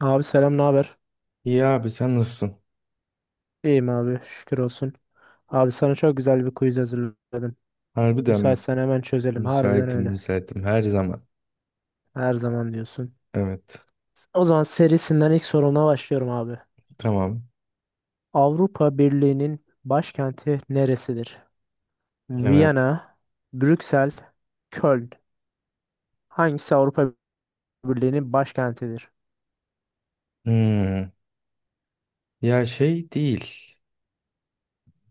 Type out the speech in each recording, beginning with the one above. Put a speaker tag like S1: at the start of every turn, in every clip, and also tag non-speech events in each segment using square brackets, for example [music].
S1: Abi selam, ne haber?
S2: İyi abi sen nasılsın?
S1: İyiyim abi, şükür olsun. Abi sana çok güzel bir quiz hazırladım.
S2: Harbiden mi?
S1: Müsaitsen hemen çözelim. Harbiden
S2: Müsaitim
S1: öyle.
S2: müsaitim her zaman.
S1: Her zaman diyorsun.
S2: Evet.
S1: O zaman serisinden ilk soruna başlıyorum abi.
S2: Tamam.
S1: Avrupa Birliği'nin başkenti neresidir?
S2: Evet.
S1: Viyana, Brüksel, Köln. Hangisi Avrupa Birliği'nin başkentidir?
S2: Hmm. Ya şey değil.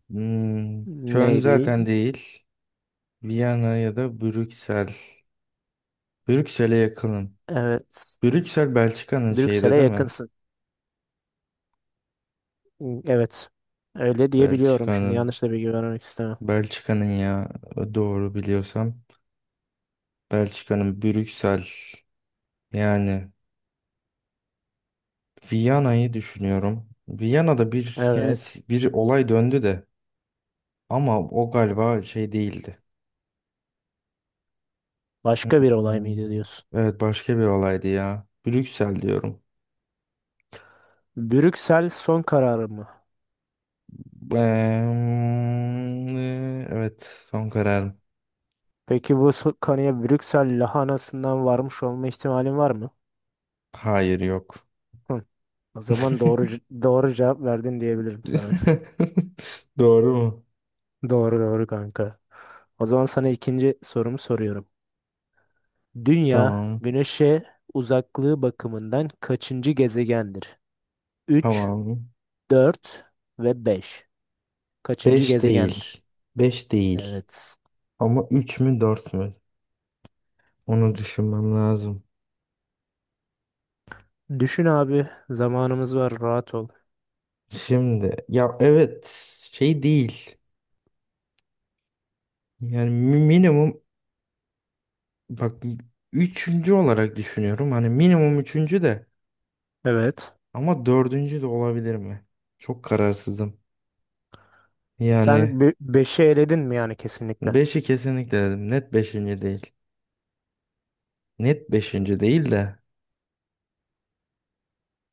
S2: Hmm. Köln
S1: Ney değil?
S2: zaten değil. Viyana ya da Brüksel. Brüksel'e yakınım.
S1: Evet.
S2: Brüksel Belçika'nın şeyde
S1: Brüksel'e
S2: değil mi?
S1: yakınsın. Evet. Öyle diyebiliyorum şimdi.
S2: Belçika'nın.
S1: Yanlış da bilgi vermek istemem.
S2: Belçika'nın ya doğru biliyorsam. Belçika'nın Brüksel. Yani Viyana'yı düşünüyorum. Viyana'da bir yani
S1: Evet.
S2: bir olay döndü de. Ama o galiba şey değildi.
S1: Başka bir olay
S2: Hmm.
S1: mıydı diyorsun?
S2: Evet başka bir olaydı ya. Brüksel diyorum.
S1: Brüksel son kararı mı?
S2: Evet, son kararım.
S1: Peki bu kanıya Brüksel lahanasından varmış olma ihtimalin var mı?
S2: Hayır yok.
S1: Hı. O zaman doğru c-
S2: [laughs]
S1: doğru cevap verdin diyebilirim sana.
S2: Doğru mu?
S1: [laughs] Doğru doğru kanka. O zaman sana ikinci sorumu soruyorum. Dünya
S2: Tamam.
S1: Güneş'e uzaklığı bakımından kaçıncı gezegendir? Üç,
S2: Tamam.
S1: 4 ve 5. Kaçıncı
S2: Beş
S1: gezegendir?
S2: değil. Beş değil.
S1: Evet.
S2: Ama 3 mü 4 mü? Onu düşünmem lazım.
S1: Düşün abi. Zamanımız var. Rahat ol.
S2: Şimdi ya evet şey değil. Yani minimum. Bak üçüncü olarak düşünüyorum. Hani minimum üçüncü de
S1: Evet.
S2: ama dördüncü de olabilir mi? Çok kararsızım. Yani
S1: Sen 5'i eledin mi yani kesinlikle?
S2: beşi kesinlikle dedim. Net beşinci değil. Net beşinci değil de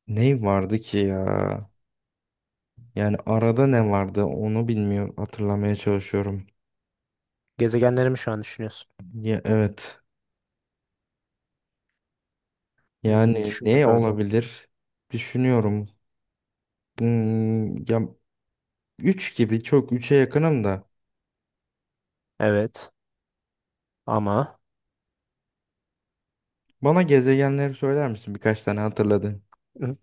S2: ne vardı ki ya? Yani arada ne vardı onu bilmiyorum. Hatırlamaya çalışıyorum.
S1: Gezegenleri mi şu an düşünüyorsun?
S2: Ya, evet. Yani
S1: Düşün
S2: ne
S1: bakalım.
S2: olabilir? Düşünüyorum. Ya üç gibi çok üçe yakınım da.
S1: Evet ama
S2: Bana gezegenleri söyler misin? Birkaç tane hatırladın.
S1: Hı.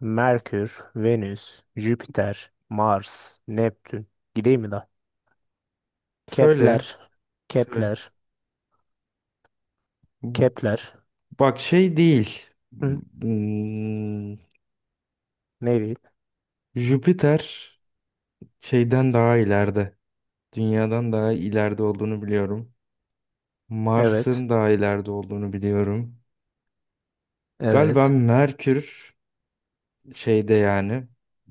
S1: Merkür, Venüs, Jüpiter, Mars, Neptün. Gideyim mi daha? Kepler,
S2: Söyle. Söyle.
S1: Kepler, Kepler.
S2: Bak şey değil.
S1: Hı, ne diyeyim?
S2: Jüpiter şeyden daha ileride. Dünyadan daha ileride olduğunu biliyorum.
S1: Evet,
S2: Mars'ın daha ileride olduğunu biliyorum. Galiba
S1: evet.
S2: Merkür şeyde yani.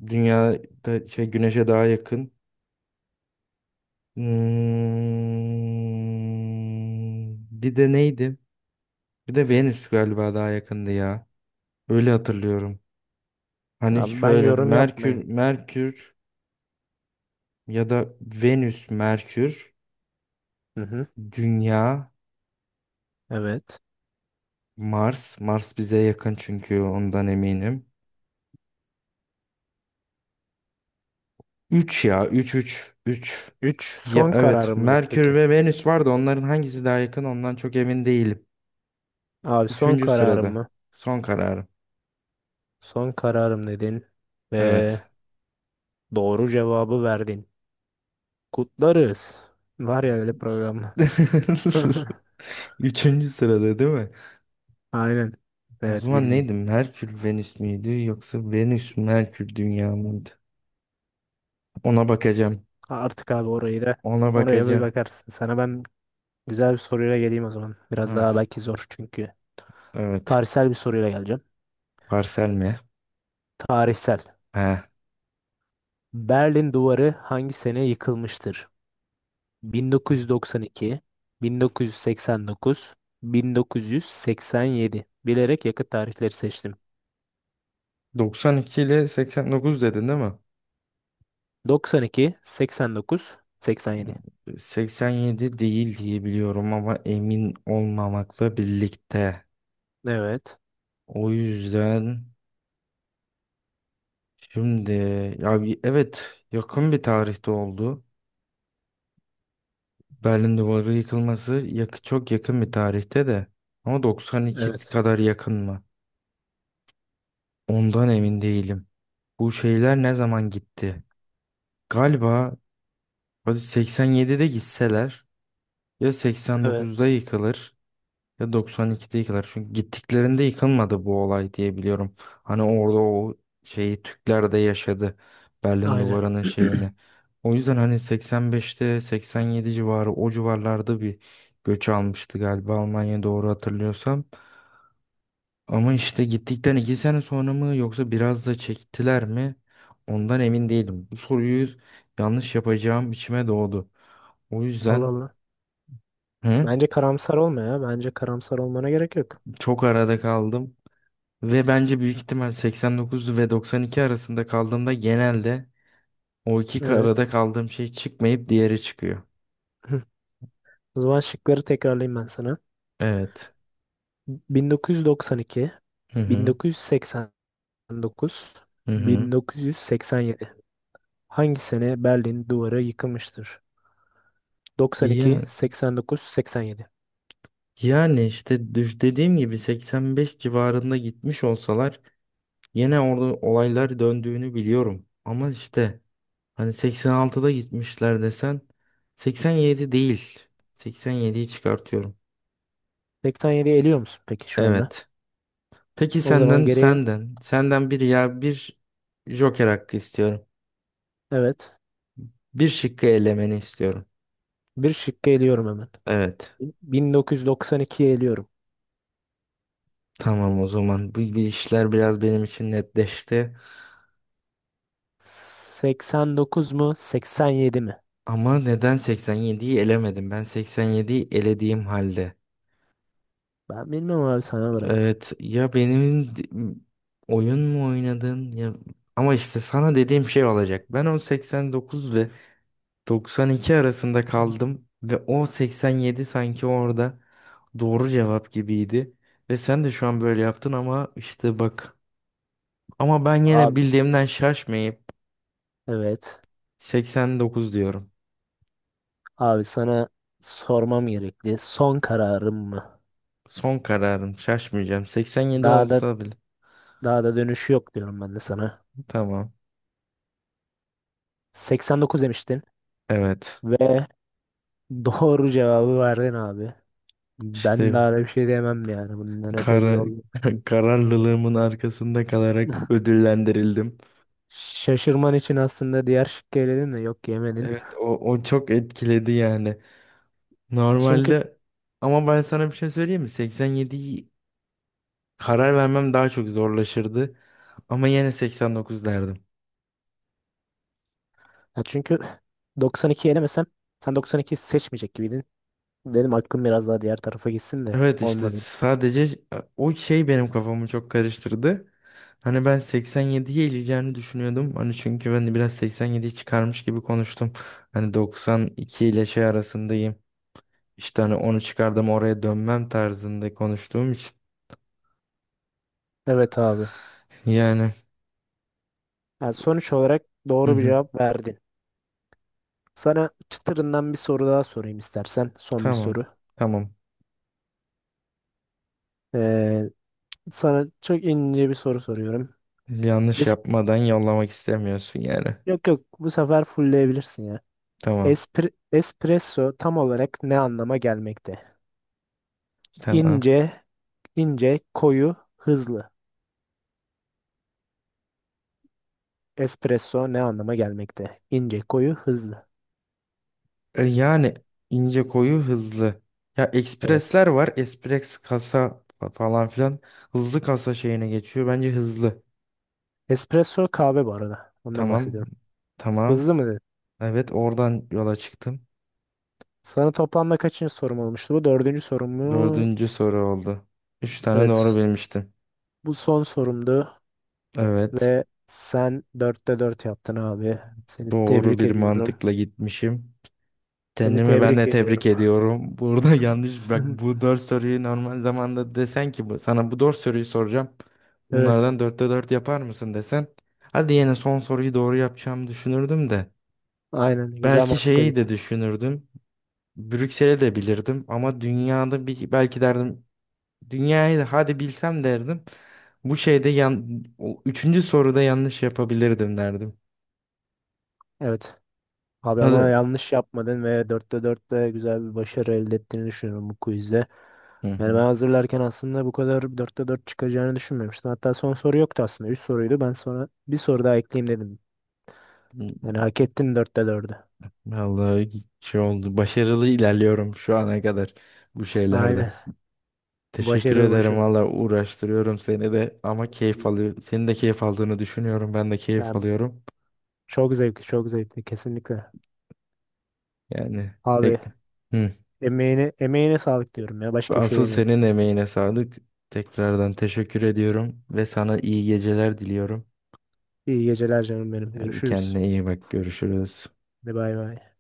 S2: Dünyada şey Güneş'e daha yakın. Hmm, bir de neydi? Bir de Venüs galiba daha yakındı ya. Öyle hatırlıyorum. Hani
S1: Abi ben
S2: şöyle
S1: yorum yapmayayım.
S2: Merkür, Merkür. Ya da Venüs, Merkür,
S1: Hı hı,
S2: Dünya,
S1: evet.
S2: Mars. Mars bize yakın çünkü ondan eminim. 3 ya üç üç üç.
S1: Üç
S2: Ya
S1: son
S2: evet
S1: kararım mıdır
S2: Merkür
S1: peki?
S2: ve Venüs vardı. Onların hangisi daha yakın ondan çok emin değilim.
S1: Abi son
S2: Üçüncü
S1: kararım
S2: sırada.
S1: mı?
S2: Son kararım.
S1: Son kararım dedin
S2: Evet.
S1: ve doğru cevabı verdin. Kutlarız. Var ya öyle program. [laughs]
S2: [laughs] Üçüncü sırada değil mi?
S1: Aynen.
S2: O
S1: Evet
S2: zaman neydi?
S1: bildin.
S2: Merkür Venüs müydü yoksa Venüs Merkür Dünya mıydı? Ona bakacağım.
S1: Artık abi orayı da
S2: Ona
S1: oraya bir
S2: bakacağım.
S1: bakarsın. Sana ben güzel bir soruyla geleyim o zaman. Biraz
S2: Ha,
S1: daha belki zor çünkü.
S2: evet.
S1: Tarihsel bir soruyla geleceğim.
S2: Parsel mi?
S1: Tarihsel.
S2: Ha.
S1: Berlin Duvarı hangi sene yıkılmıştır? 1992, 1989, 1987. Bilerek yakıt tarihleri seçtim.
S2: 92 ile 89 dedin değil mi?
S1: 92, 89, 87.
S2: 87 değil diye biliyorum ama emin olmamakla birlikte.
S1: Evet.
S2: O yüzden şimdi ya evet, yakın bir tarihte oldu. Berlin Duvarı yıkılması çok yakın bir tarihte de. Ama 92
S1: Evet.
S2: kadar yakın mı? Ondan emin değilim. Bu şeyler ne zaman gitti? Galiba hadi 87'de gitseler ya 89'da
S1: Evet.
S2: yıkılır, ya 92'de yıkılar. Çünkü gittiklerinde yıkılmadı bu olay diye biliyorum. Hani orada o şeyi Türkler de yaşadı. Berlin
S1: Aynen.
S2: Duvarı'nın şeyini.
S1: [clears throat]
S2: O yüzden hani 85'te 87 civarı o civarlarda bir göç almıştı galiba Almanya, doğru hatırlıyorsam. Ama işte gittikten 2 sene sonra mı yoksa biraz da çektiler mi? Ondan emin değilim. Bu soruyu yanlış yapacağım içime doğdu. O
S1: Allah
S2: yüzden
S1: Allah.
S2: hı,
S1: Bence karamsar olma ya. Bence karamsar olmana gerek yok.
S2: çok arada kaldım. Ve bence büyük ihtimal 89 ve 92 arasında kaldığımda genelde o iki arada
S1: Evet.
S2: kaldığım şey çıkmayıp diğeri çıkıyor.
S1: [clears throat] [laughs] O zaman şıkları tekrarlayayım ben sana.
S2: Evet.
S1: 1992,
S2: Hı hı.
S1: 1989,
S2: Hı hı.
S1: 1987. Hangi sene Berlin duvarı yıkılmıştır? 92,
S2: Ya,
S1: 89, 87.
S2: yani işte dediğim gibi 85 civarında gitmiş olsalar yine orada olaylar döndüğünü biliyorum. Ama işte hani 86'da gitmişler desen 87 değil. 87'yi çıkartıyorum.
S1: 87'yi eliyor musun peki şu anda?
S2: Evet. Peki
S1: O zaman
S2: senden
S1: geriye
S2: senden senden bir joker hakkı istiyorum.
S1: evet.
S2: Bir şıkkı elemeni istiyorum.
S1: Bir şıkkı eliyorum hemen.
S2: Evet.
S1: 1992'yi eliyorum.
S2: Tamam o zaman. Bu işler biraz benim için netleşti.
S1: 89 mu, 87 mi?
S2: Ama neden 87'yi elemedim? Ben 87'yi elediğim halde.
S1: Ben bilmem abi sana bıraktım.
S2: Evet ya benim oyun mu oynadın ya, ama işte sana dediğim şey olacak. Ben o 89 ve 92 arasında kaldım ve o 87 sanki orada doğru cevap gibiydi. Ve sen de şu an böyle yaptın ama işte bak, ama ben yine
S1: Abi
S2: bildiğimden şaşmayıp
S1: evet.
S2: 89 diyorum.
S1: Abi sana sormam gerekli. Son kararım mı?
S2: Son kararım. Şaşmayacağım. 87
S1: Daha da
S2: olsa bile.
S1: daha da dönüşü yok diyorum ben de sana.
S2: Tamam.
S1: 89 demiştin
S2: Evet.
S1: ve [laughs] doğru cevabı verdin abi. Ben
S2: İşte
S1: daha da bir şey diyemem yani. Bundan öte bir
S2: kara,
S1: yol yok.
S2: [laughs] kararlılığımın arkasında kalarak ödüllendirildim.
S1: Şaşırman için aslında diğer şıkkı eledin de yok yemedin.
S2: Evet o çok etkiledi yani.
S1: Çünkü
S2: Normalde ama ben sana bir şey söyleyeyim mi? 87'yi karar vermem daha çok zorlaşırdı. Ama yine 89 derdim.
S1: çünkü [laughs] 92 elemesem sen 92 seçmeyecek gibiydin. Benim aklım biraz daha diğer tarafa gitsin de
S2: Evet işte
S1: olmadı.
S2: sadece o şey benim kafamı çok karıştırdı. Hani ben 87'ye ileceğini düşünüyordum. Hani çünkü ben de biraz 87'yi çıkarmış gibi konuştum. Hani 92 ile şey arasındayım. İşte hani onu çıkardım, oraya dönmem tarzında konuştuğum için.
S1: Evet abi.
S2: [laughs] Yani
S1: Yani sonuç olarak
S2: hı
S1: doğru bir
S2: hı,
S1: cevap verdin. Sana çıtırından bir soru daha sorayım istersen. Son bir
S2: tamam,
S1: soru.
S2: tamam,
S1: Ee, sana çok ince bir soru soruyorum.
S2: yanlış
S1: Es-
S2: yapmadan yollamak istemiyorsun yani.
S1: yok yok bu sefer fullleyebilirsin ya.
S2: Tamam,
S1: Espresso tam olarak ne anlama gelmekte?
S2: tamam.
S1: İnce, ince, koyu, hızlı. Espresso ne anlama gelmekte? İnce, koyu, hızlı.
S2: Yani ince, koyu, hızlı. Ya
S1: Evet.
S2: ekspresler var. Espres kasa falan filan. Hızlı kasa şeyine geçiyor. Bence hızlı.
S1: Espresso kahve bu arada. Ondan
S2: Tamam.
S1: bahsediyorum.
S2: Tamam.
S1: Hızlı mı dedin?
S2: Evet, oradan yola çıktım.
S1: Sana toplamda kaçıncı sorum olmuştu? Bu dördüncü sorum mu?
S2: Dördüncü soru oldu. Üç tane doğru
S1: Evet.
S2: bilmiştim.
S1: Bu son sorumdu
S2: Evet.
S1: ve sen dörtte dört yaptın abi. Seni
S2: Doğru
S1: tebrik
S2: bir
S1: ediyorum.
S2: mantıkla gitmişim.
S1: Seni
S2: Kendimi ben
S1: tebrik
S2: de tebrik
S1: ediyorum.
S2: ediyorum. Burada [laughs] yanlış bak, bu
S1: [laughs]
S2: dört soruyu normal zamanda desen ki bu, sana bu dört soruyu soracağım.
S1: Evet,
S2: Bunlardan dörtte dört yapar mısın desen. Hadi yine son soruyu doğru yapacağımı düşünürdüm de.
S1: aynen güzel
S2: Belki
S1: mantıkla
S2: şeyi
S1: git.
S2: de düşünürdüm. Brüksel'i de bilirdim ama dünyada bir belki derdim, dünyayı da hadi bilsem derdim. Bu şeyde o üçüncü soruda yanlış yapabilirdim derdim.
S1: Evet. Abi ama
S2: Hadi.
S1: yanlış yapmadın ve dörtte dörtte güzel bir başarı elde ettiğini düşünüyorum bu quizde. Yani
S2: Hı
S1: ben hazırlarken aslında bu kadar dörtte dört çıkacağını düşünmemiştim. Hatta son soru yoktu aslında. Üç soruydu. Ben sonra bir soru daha ekleyeyim dedim.
S2: hı.
S1: Yani hak ettin dörtte dördü.
S2: Vallahi şey oldu. Başarılı ilerliyorum şu ana kadar bu şeylerde.
S1: Aynen.
S2: Teşekkür
S1: Başarılı
S2: ederim
S1: başarılı.
S2: valla, uğraştırıyorum seni de ama keyif alıyor. Senin de keyif aldığını düşünüyorum. Ben de keyif
S1: Yani
S2: alıyorum.
S1: çok zevkli, çok zevkli kesinlikle.
S2: Yani
S1: Abi
S2: tek... Hı.
S1: emeğine, emeğine sağlık diyorum ya. Başka bir şey
S2: Asıl
S1: demiyorum.
S2: senin emeğine sağlık. Tekrardan teşekkür ediyorum ve sana iyi geceler diliyorum.
S1: İyi geceler canım benim.
S2: Hadi
S1: Görüşürüz.
S2: kendine iyi bak. Görüşürüz.
S1: Hadi bay bay.